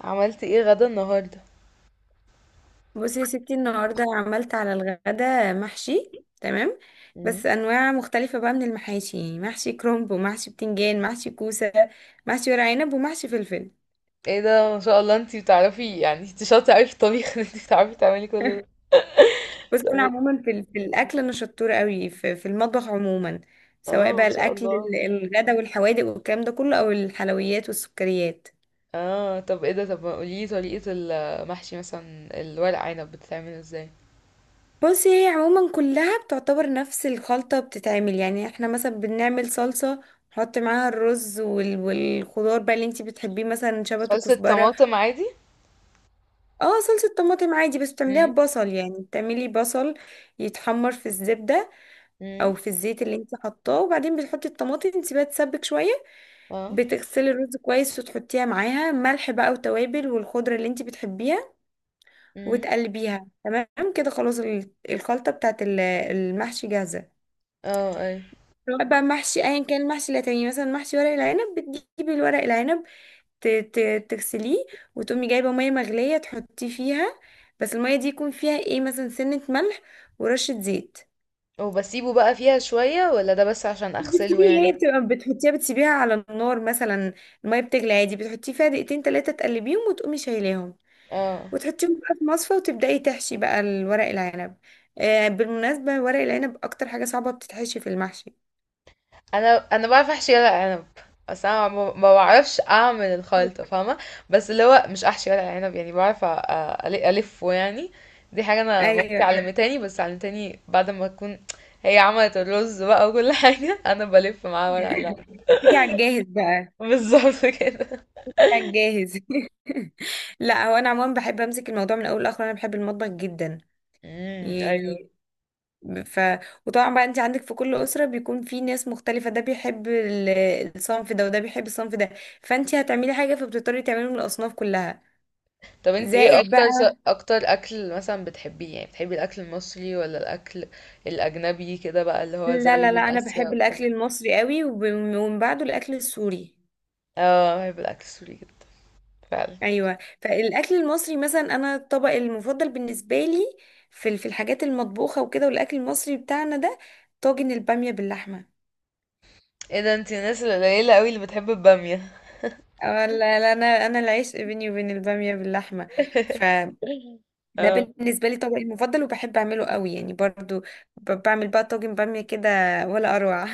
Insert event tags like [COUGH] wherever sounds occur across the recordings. عملتي ايه غدا النهارده؟ بصي يا ستي، النهارده عملت على الغدا محشي. تمام. مم. بس انواع مختلفه بقى من المحاشي، يعني محشي كرنب ومحشي بتنجان، محشي كوسه، محشي ورق عنب ومحشي فلفل. ايه ده، ما شاء الله، انتي بتعرفي، يعني انتي شاطره قوي في الطبيخ. [LAUGHS] ان انتي بتعرفي تعملي كل ده. بس انا طب- عموما في الاكل انا شطوره قوي في المطبخ عموما. سواء اه، بقى ما شاء الاكل الله. الغدا والحوادق والكلام ده كله، او الحلويات والسكريات. اه، طب ايه ده؟ طب ما قوليلي طريقه المحشي، مثلا الورق عنب بتتعمل ازاي؟ بصي هي عموما كلها بتعتبر نفس الخلطة، بتتعمل يعني احنا مثلا بنعمل صلصة، نحط معاها الرز والخضار بقى اللي انتي بتحبيه، مثلا شبت صلصه وكزبرة. طماطم عادي. اه، صلصة طماطم عادي، بس بتعمليها امم. ببصل. يعني بتعملي بصل يتحمر في الزبدة امم. او في الزيت اللي انتي حطاه، وبعدين بتحطي الطماطم تسيبها تسبك شوية. اه. بتغسلي الرز كويس وتحطيها معاها ملح بقى وتوابل والخضرة اللي انتي بتحبيها، امم. وتقلبيها. تمام كده، خلاص الخلطة بتاعت المحشي جاهزة. اه اي. بقى محشي ايا كان المحشي اللي هتعمليه، مثلا محشي ورق العنب، بتجيبي الورق العنب تغسليه، وتقومي جايبه ميه مغليه تحطيه فيها. بس الميه دي يكون فيها ايه، مثلا سنه ملح، ورشه زيت. وبسيبه بقى فيها شويه، ولا ده بس عشان مش اغسله بتسيبيه، هي يعني؟ بتبقى بتحطيها بتسيبيها على النار مثلا، الميه بتغلي عادي بتحطيه فيها دقيقتين تلاتة، تقلبيهم وتقومي شايلاهم، [LAUGHS] اه. وتحطيهم بقى في مصفى، وتبدأي تحشي بقى الورق العنب. آه، بالمناسبة ورق العنب أكتر حاجة صعبة بتتحشي في المحشي. أنا باعرف أحشي ورق عنب، بس أنا ما بعرفش أعمل الخلطة، [LAUGHS] فاهمة؟ بس اللي هو مش أحشي ورق عنب، يعني بعرف ألفه يعني. دي حاجة أنا مامتي أيوة. علمتاني، بس علمتاني بعد ما أكون هي عملت الرز بقى وكل [LAUGHS] حاجة، أنا بلف معاها ورق العنب. بتيجي على الجاهز بقى. بالظبط كده. جاهز. [LAUGHS] لا، هو انا عموما بحب امسك الموضوع من اول لاخر، انا بحب المطبخ جدا امم، أيوه. يعني. ف وطبعا بقى انت عندك في كل اسره بيكون في ناس مختلفه، ده بيحب الصنف ده وده بيحب الصنف ده، فانت هتعملي حاجه فبتضطري تعملي من الاصناف كلها. طب انت ايه زائد اكتر بقى، اكتر اكل مثلا بتحبيه؟ يعني بتحبي الاكل المصري، ولا الاكل الاجنبي كده بقى، اللي هو لا زي لا من لا، انا اسيا بحب وبتاع؟ الاكل المصري قوي، ومن بعده الاكل السوري. اه، بحب الاكل السوري جدا. فعلا. ايوه، فالاكل المصري مثلا، انا الطبق المفضل بالنسبه لي في في الحاجات المطبوخه وكده، والاكل المصري بتاعنا ده، طاجن الباميه باللحمه. ايه ده، انتي الناس القليلة قوي اللي بتحب البامية. اه لا لا، انا العشق بيني وبين الباميه باللحمه، فده [LAUGHS] اه. بالنسبه لي طبقي المفضل، وبحب اعمله قوي يعني. برضو بعمل بقى طاجن باميه كده ولا اروع.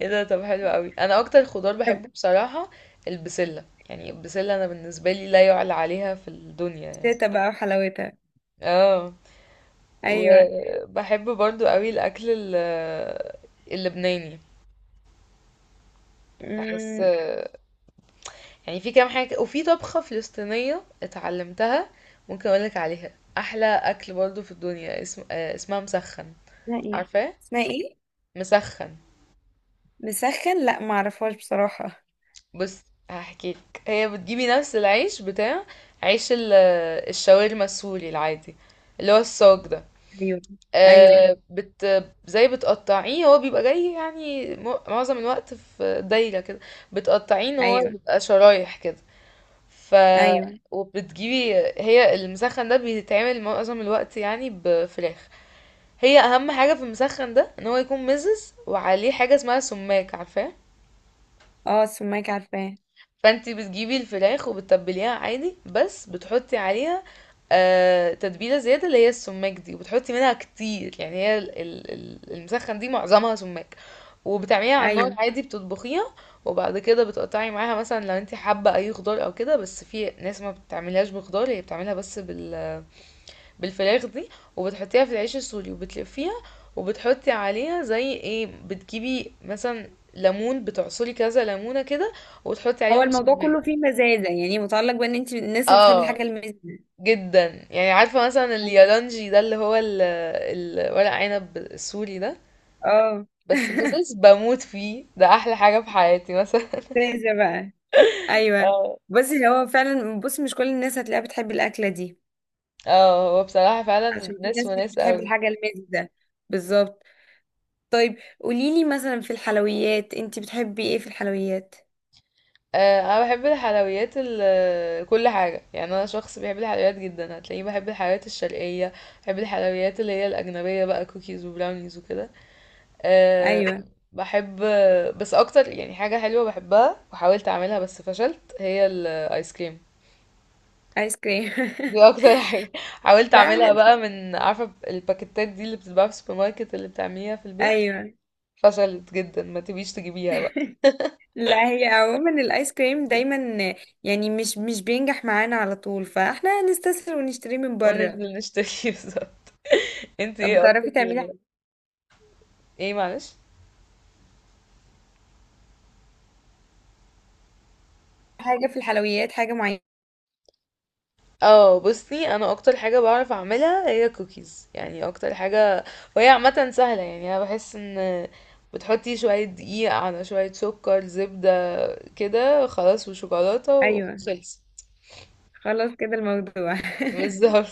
ايه ده، طب حلو قوي. انا اكتر خضار بحبه [LAUGHS] بصراحة البسلة، يعني البسلة انا بالنسبة لي لا يعلى عليها في الدنيا يعني. شتا بقى وحلاوتها. اه. ايوه. وبحب برضو قوي الاكل اللبناني. بحس امم. يعني في كام حاجة، وفي طبخة فلسطينية اتعلمتها ممكن اقولك عليها احلى اكل برضو في الدنيا اسمها مسخن. اسمها ايه؟ عارفاه؟ اسمها ايه؟ مسخن. مسخن؟ لا، ما اعرفهاش بصراحه. بص، هحكيلك. هي بتجيبي نفس العيش بتاع عيش ال- الشاورما السوري العادي، اللي هو الصاج ده. ايوه. ايوه. آه، بت زي بتقطعيه، هو بيبقى جاي يعني معظم الوقت في دايرة كده. بتقطعيه ان هو ايوه. يبقى شرايح كده. ف ايوه. وبتجيبي هي المسخن ده بيتعمل معظم الوقت يعني بفراخ. هي اهم حاجة في المسخن ده ان هو يكون مزز، وعليه حاجة اسمها سماق، عارفاه؟ اه، السماك عارفاه. فانتي بتجيبي الفراخ وبتتبليها عادي، بس بتحطي عليها آه تتبيلة زيادة اللي هي السماق دي، وبتحطي منها كتير. يعني هي المسخن دي معظمها سماق، وبتعمليها على النار ايوه. عادي بتطبخيها. وبعد كده بتقطعي معاها مثلا، لو انتي حابة اي خضار او كده، بس في ناس ما بتعملهاش بخضار، هي بتعملها بس بالفراخ دي، وبتحطيها في العيش السوري وبتلفيها. وبتحطي عليها زي ايه، بتجيبي مثلا ليمون بتعصري كذا ليمونة كده، وتحطي هو عليهم الموضوع سماق. كله فيه مزازه، يعني متعلق بان انت من الناس اللي بتحب اه، الحاجه المزازه. جدا. يعني عارفة مثلا اليالانجي ده، اللي هو ورق عنب السوري ده، اه. بس [LAUGHS] بزز بموت فيه، ده احلى حاجة في حياتي مثلا. مزازه بقى. [LAUGHS] ايوه. اه. بصي هو فعلا، بصي مش كل الناس هتلاقيها بتحب الاكله دي، اه، هو بصراحة فعلا عشان في ناس ناس مش وناس بتحب قوي. الحاجه المزه. بالظبط. طيب قوليلي مثلا في الحلويات، انتي بتحبي ايه في الحلويات؟ انا بحب الحلويات كل حاجة، يعني انا شخص بيحب الحلويات جدا، هتلاقيني بحب الحلويات الشرقية، بحب الحلويات اللي هي الاجنبية بقى، كوكيز وبراونيز وكده. آه ايوه. بحب، بس اكتر يعني حاجة حلوة بحبها وحاولت اعملها بس فشلت هي الايس كريم. ايس كريم. دي اكتر حاجة [LAUGHS] حاولت [LAUGHS] لا اعملها احنا، بقى، من عارفة الباكيتات دي اللي بتتباع في السوبر ماركت، اللي بتعمليها في البيت. ايوه، فشلت جدا، ما تبيش تجيبيها بقى. لا هي عموما الايس كريم دايما يعني مش بينجح معانا على طول، فاحنا هنستسهل ونشتريه من بره. وننزل نشتري [LAUGHS] بصراحة. انت طب ايه اكتر؟ بتعرفي تعملي ايه معلش. حاجه في الحلويات، حاجه معينه؟ اه، بصي، انا اكتر حاجة بعرف اعملها هي كوكيز، يعني اكتر حاجة. وهي عامة سهلة يعني، انا بحس ان بتحطي شوية دقيق على شوية سكر زبدة، كده خلاص، وشوكولاتة ايوه. وخلص. خلاص كده الموضوع. بالظبط.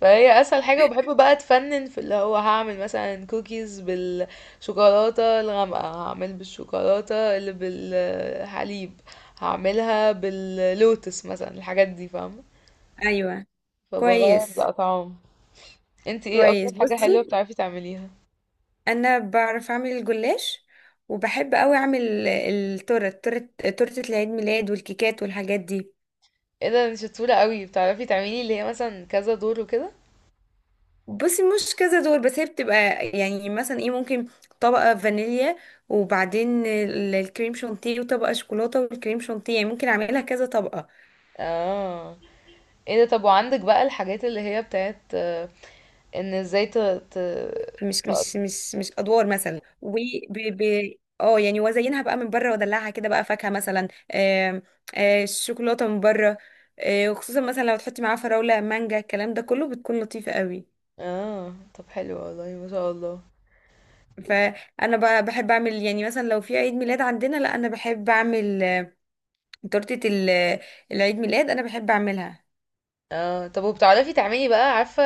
فهي اسهل حاجة، وبحب بقى اتفنن في اللي هو هعمل مثلا كوكيز بالشوكولاتة الغامقة، هعمل بالشوكولاتة اللي بالحليب، هعملها باللوتس مثلا، الحاجات دي فاهمة؟ [LAUGHS] ايوه. فبغير كويس. الاطعام. انت ايه كويس، اكتر حاجة بصي حلوة بتعرفي تعمليها؟ انا بعرف اعمل الجلاش، وبحب قوي اعمل التورت، تورت تورتة العيد ميلاد والكيكات والحاجات دي. ايه ده، انت شطورة قوي، بتعرفي تعملي اللي هي مثلا كذا دور وكده. بصي مش كذا دول، بس هي بتبقى يعني مثلا ايه، ممكن طبقة فانيليا، وبعدين الكريم شانتيه، وطبقة شوكولاتة والكريم شانتيه، يعني ممكن اعملها كذا طبقة. اه، ايه ده. طب وعندك بقى الحاجات اللي هي بتاعت آه، ان ازاي. مش ت- مش مش مش ادوار مثلا، ب ب اه يعني وازينها بقى من بره وادلعها كده بقى، فاكهه مثلا، آم، الشوكولاته من بره. وخصوصا مثلا لو تحطي معاها فراوله، مانجا، الكلام ده كله، بتكون لطيفه قوي. اه، طب حلو والله، ما شاء الله. فانا بقى بحب اعمل يعني مثلا لو في عيد ميلاد عندنا، لا انا بحب اعمل تورته العيد ميلاد، انا بحب اعملها. اه، طب وبتعرفي تعملي بقى، عارفة؟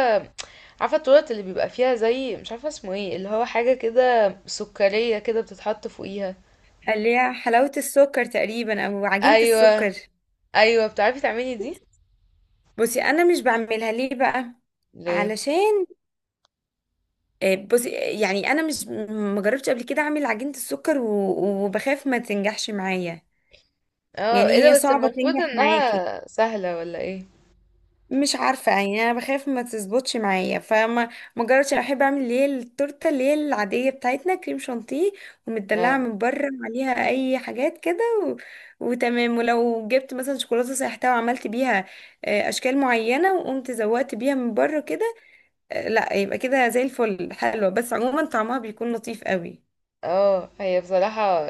عارفة التورت اللي بيبقى فيها زي مش عارفة اسمه ايه، اللي هو حاجة كده سكرية كده بتتحط فوقيها؟ اللي هي حلاوه السكر تقريبا، او عجينه ايوه. السكر. ايوه، بتعرفي تعملي دي؟ بصي انا مش بعملها ليه بقى، ليه؟ علشان بصي يعني انا مش، ما جربتش قبل كده اعمل عجينة السكر وبخاف ما تنجحش معايا. اه، يعني ايه ده، هي بس صعبة المفروض تنجح معاكي، انها سهلة، ولا ايه؟ مش عارفة يعني، انا بخاف ما تظبطش معايا، فما، ما جربتش. أنا بحب اعمل اللي هي التورتة اللي هي العادية بتاعتنا، كريم شانتيه ومدلعة اه. من بره عليها اي حاجات كده، و... وتمام. ولو جبت مثلا شوكولاتة سايحتها وعملت بيها اشكال معينة، وقمت زودت بيها من بره كده، لا يبقى كده زي الفل، حلوة. بس عموما طعمها بيكون لطيف قوي. اه، هي بصراحة.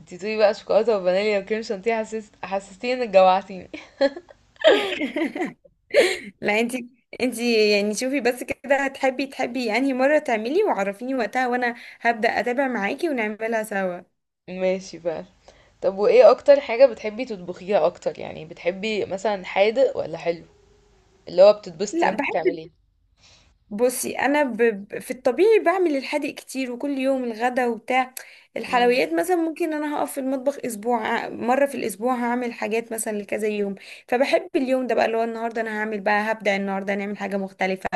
انتي بتقولي بقى شوكولاتة وفانيليا وكريم شانتيه، حسستيني انك جوعتيني. [LAUGHS] لا انت، انت يعني شوفي بس كده، هتحبي تحبي انهي مرة تعملي وعرفيني وقتها، وانا هبدأ اتابع معاكي ونعملها سوا. [LAUGHS] ماشي بقى. طب وايه اكتر حاجة بتحبي تطبخيها اكتر؟ يعني بتحبي مثلا حادق ولا حلو، اللي هو بتتبسطي لا وانتي بحب، بتعمليه؟ بصي انا في الطبيعي بعمل الحادق كتير وكل يوم، الغدا وبتاع. الحلويات مثلا ممكن انا هقف في المطبخ اسبوع، مرة في الاسبوع هعمل حاجات مثلا لكذا يوم. فبحب اليوم ده بقى اللي هو النهارده، انا هعمل بقى، هبدأ النهارده نعمل حاجة مختلفة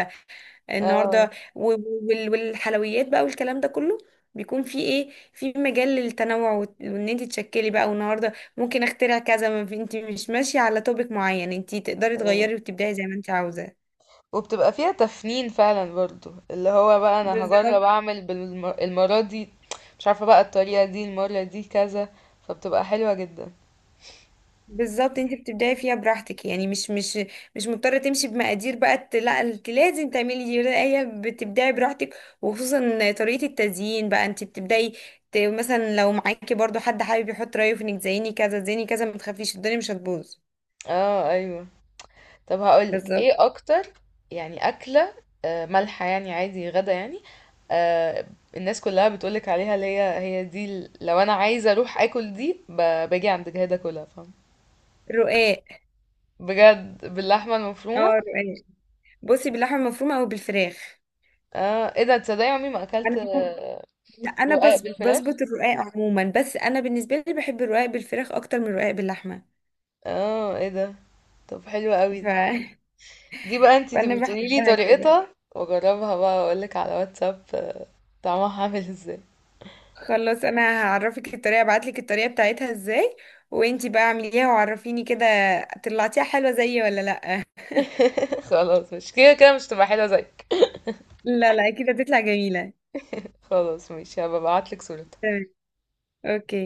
اه. النهارده، والحلويات بقى والكلام ده كله، بيكون في ايه، في مجال للتنوع، وان انت تشكلي بقى. والنهارده ممكن اخترع كذا، ما في، انت مش ماشيه على توبيك معين، انت تقدري اه، تغيري وتبدعي زي ما انت عاوزه. وبتبقى فيها تفنين فعلا، برضو اللي هو بقى انا بالظبط. هجرب اعمل بالمرة دي، مش عارفة بقى الطريقة دي المرة دي كذا، فبتبقى حلوة جدا. بالظبط، انت بتبدعي فيها براحتك، يعني مش مضطره تمشي بمقادير بقى، لا انت لازم تعملي دي، لا، هي بتبدعي براحتك. وخصوصا طريقه التزيين بقى، انت بتبدعي مثلا لو معاكي برضو حد حابب يحط رايه في انك زيني كذا زيني كذا، ما تخافيش، الدنيا مش هتبوظ. اه، ايوه. طب هقولك ايه بالظبط. اكتر يعني اكلة مالحة، يعني عادي غدا يعني. آه، الناس كلها بتقولك عليها اللي هي دي لو انا عايزة اروح اكل دي باجي عند جهادة، كلها فاهم، رقاق. بجد، باللحمة اه، المفرومة. رقاق. بصي باللحمه المفرومه او بالفراخ. اه، ايه ده، تصدقي عمري ما اكلت انا، آه، لا انا رقاق بس بالفراخ. بظبط الرقاق عموما، بس انا بالنسبه لي بحب الرقاق بالفراخ اكتر من الرقاق باللحمه. اه، ايه ده، طب حلو ف... قوي. [LAUGHS] دي بقى انتي فانا تبقي تقولي لي بحبها كده. طريقتها، واجربها بقى واقول لك على واتساب طعمها عامل ازاي. خلاص انا هعرفك الطريقه، ابعتلك الطريقه بتاعتها ازاي، وانتي بقى اعمليها وعرفيني كده، طلعتيها حلوه زيي ولا لا. [LAUGHS] خلاص، مش كده كده مش تبقى حلوه زيك. لا لا، كده بتطلع جميله. خلاص، ماشي، هبقى ابعت لك صورتها. تمام. اوكي.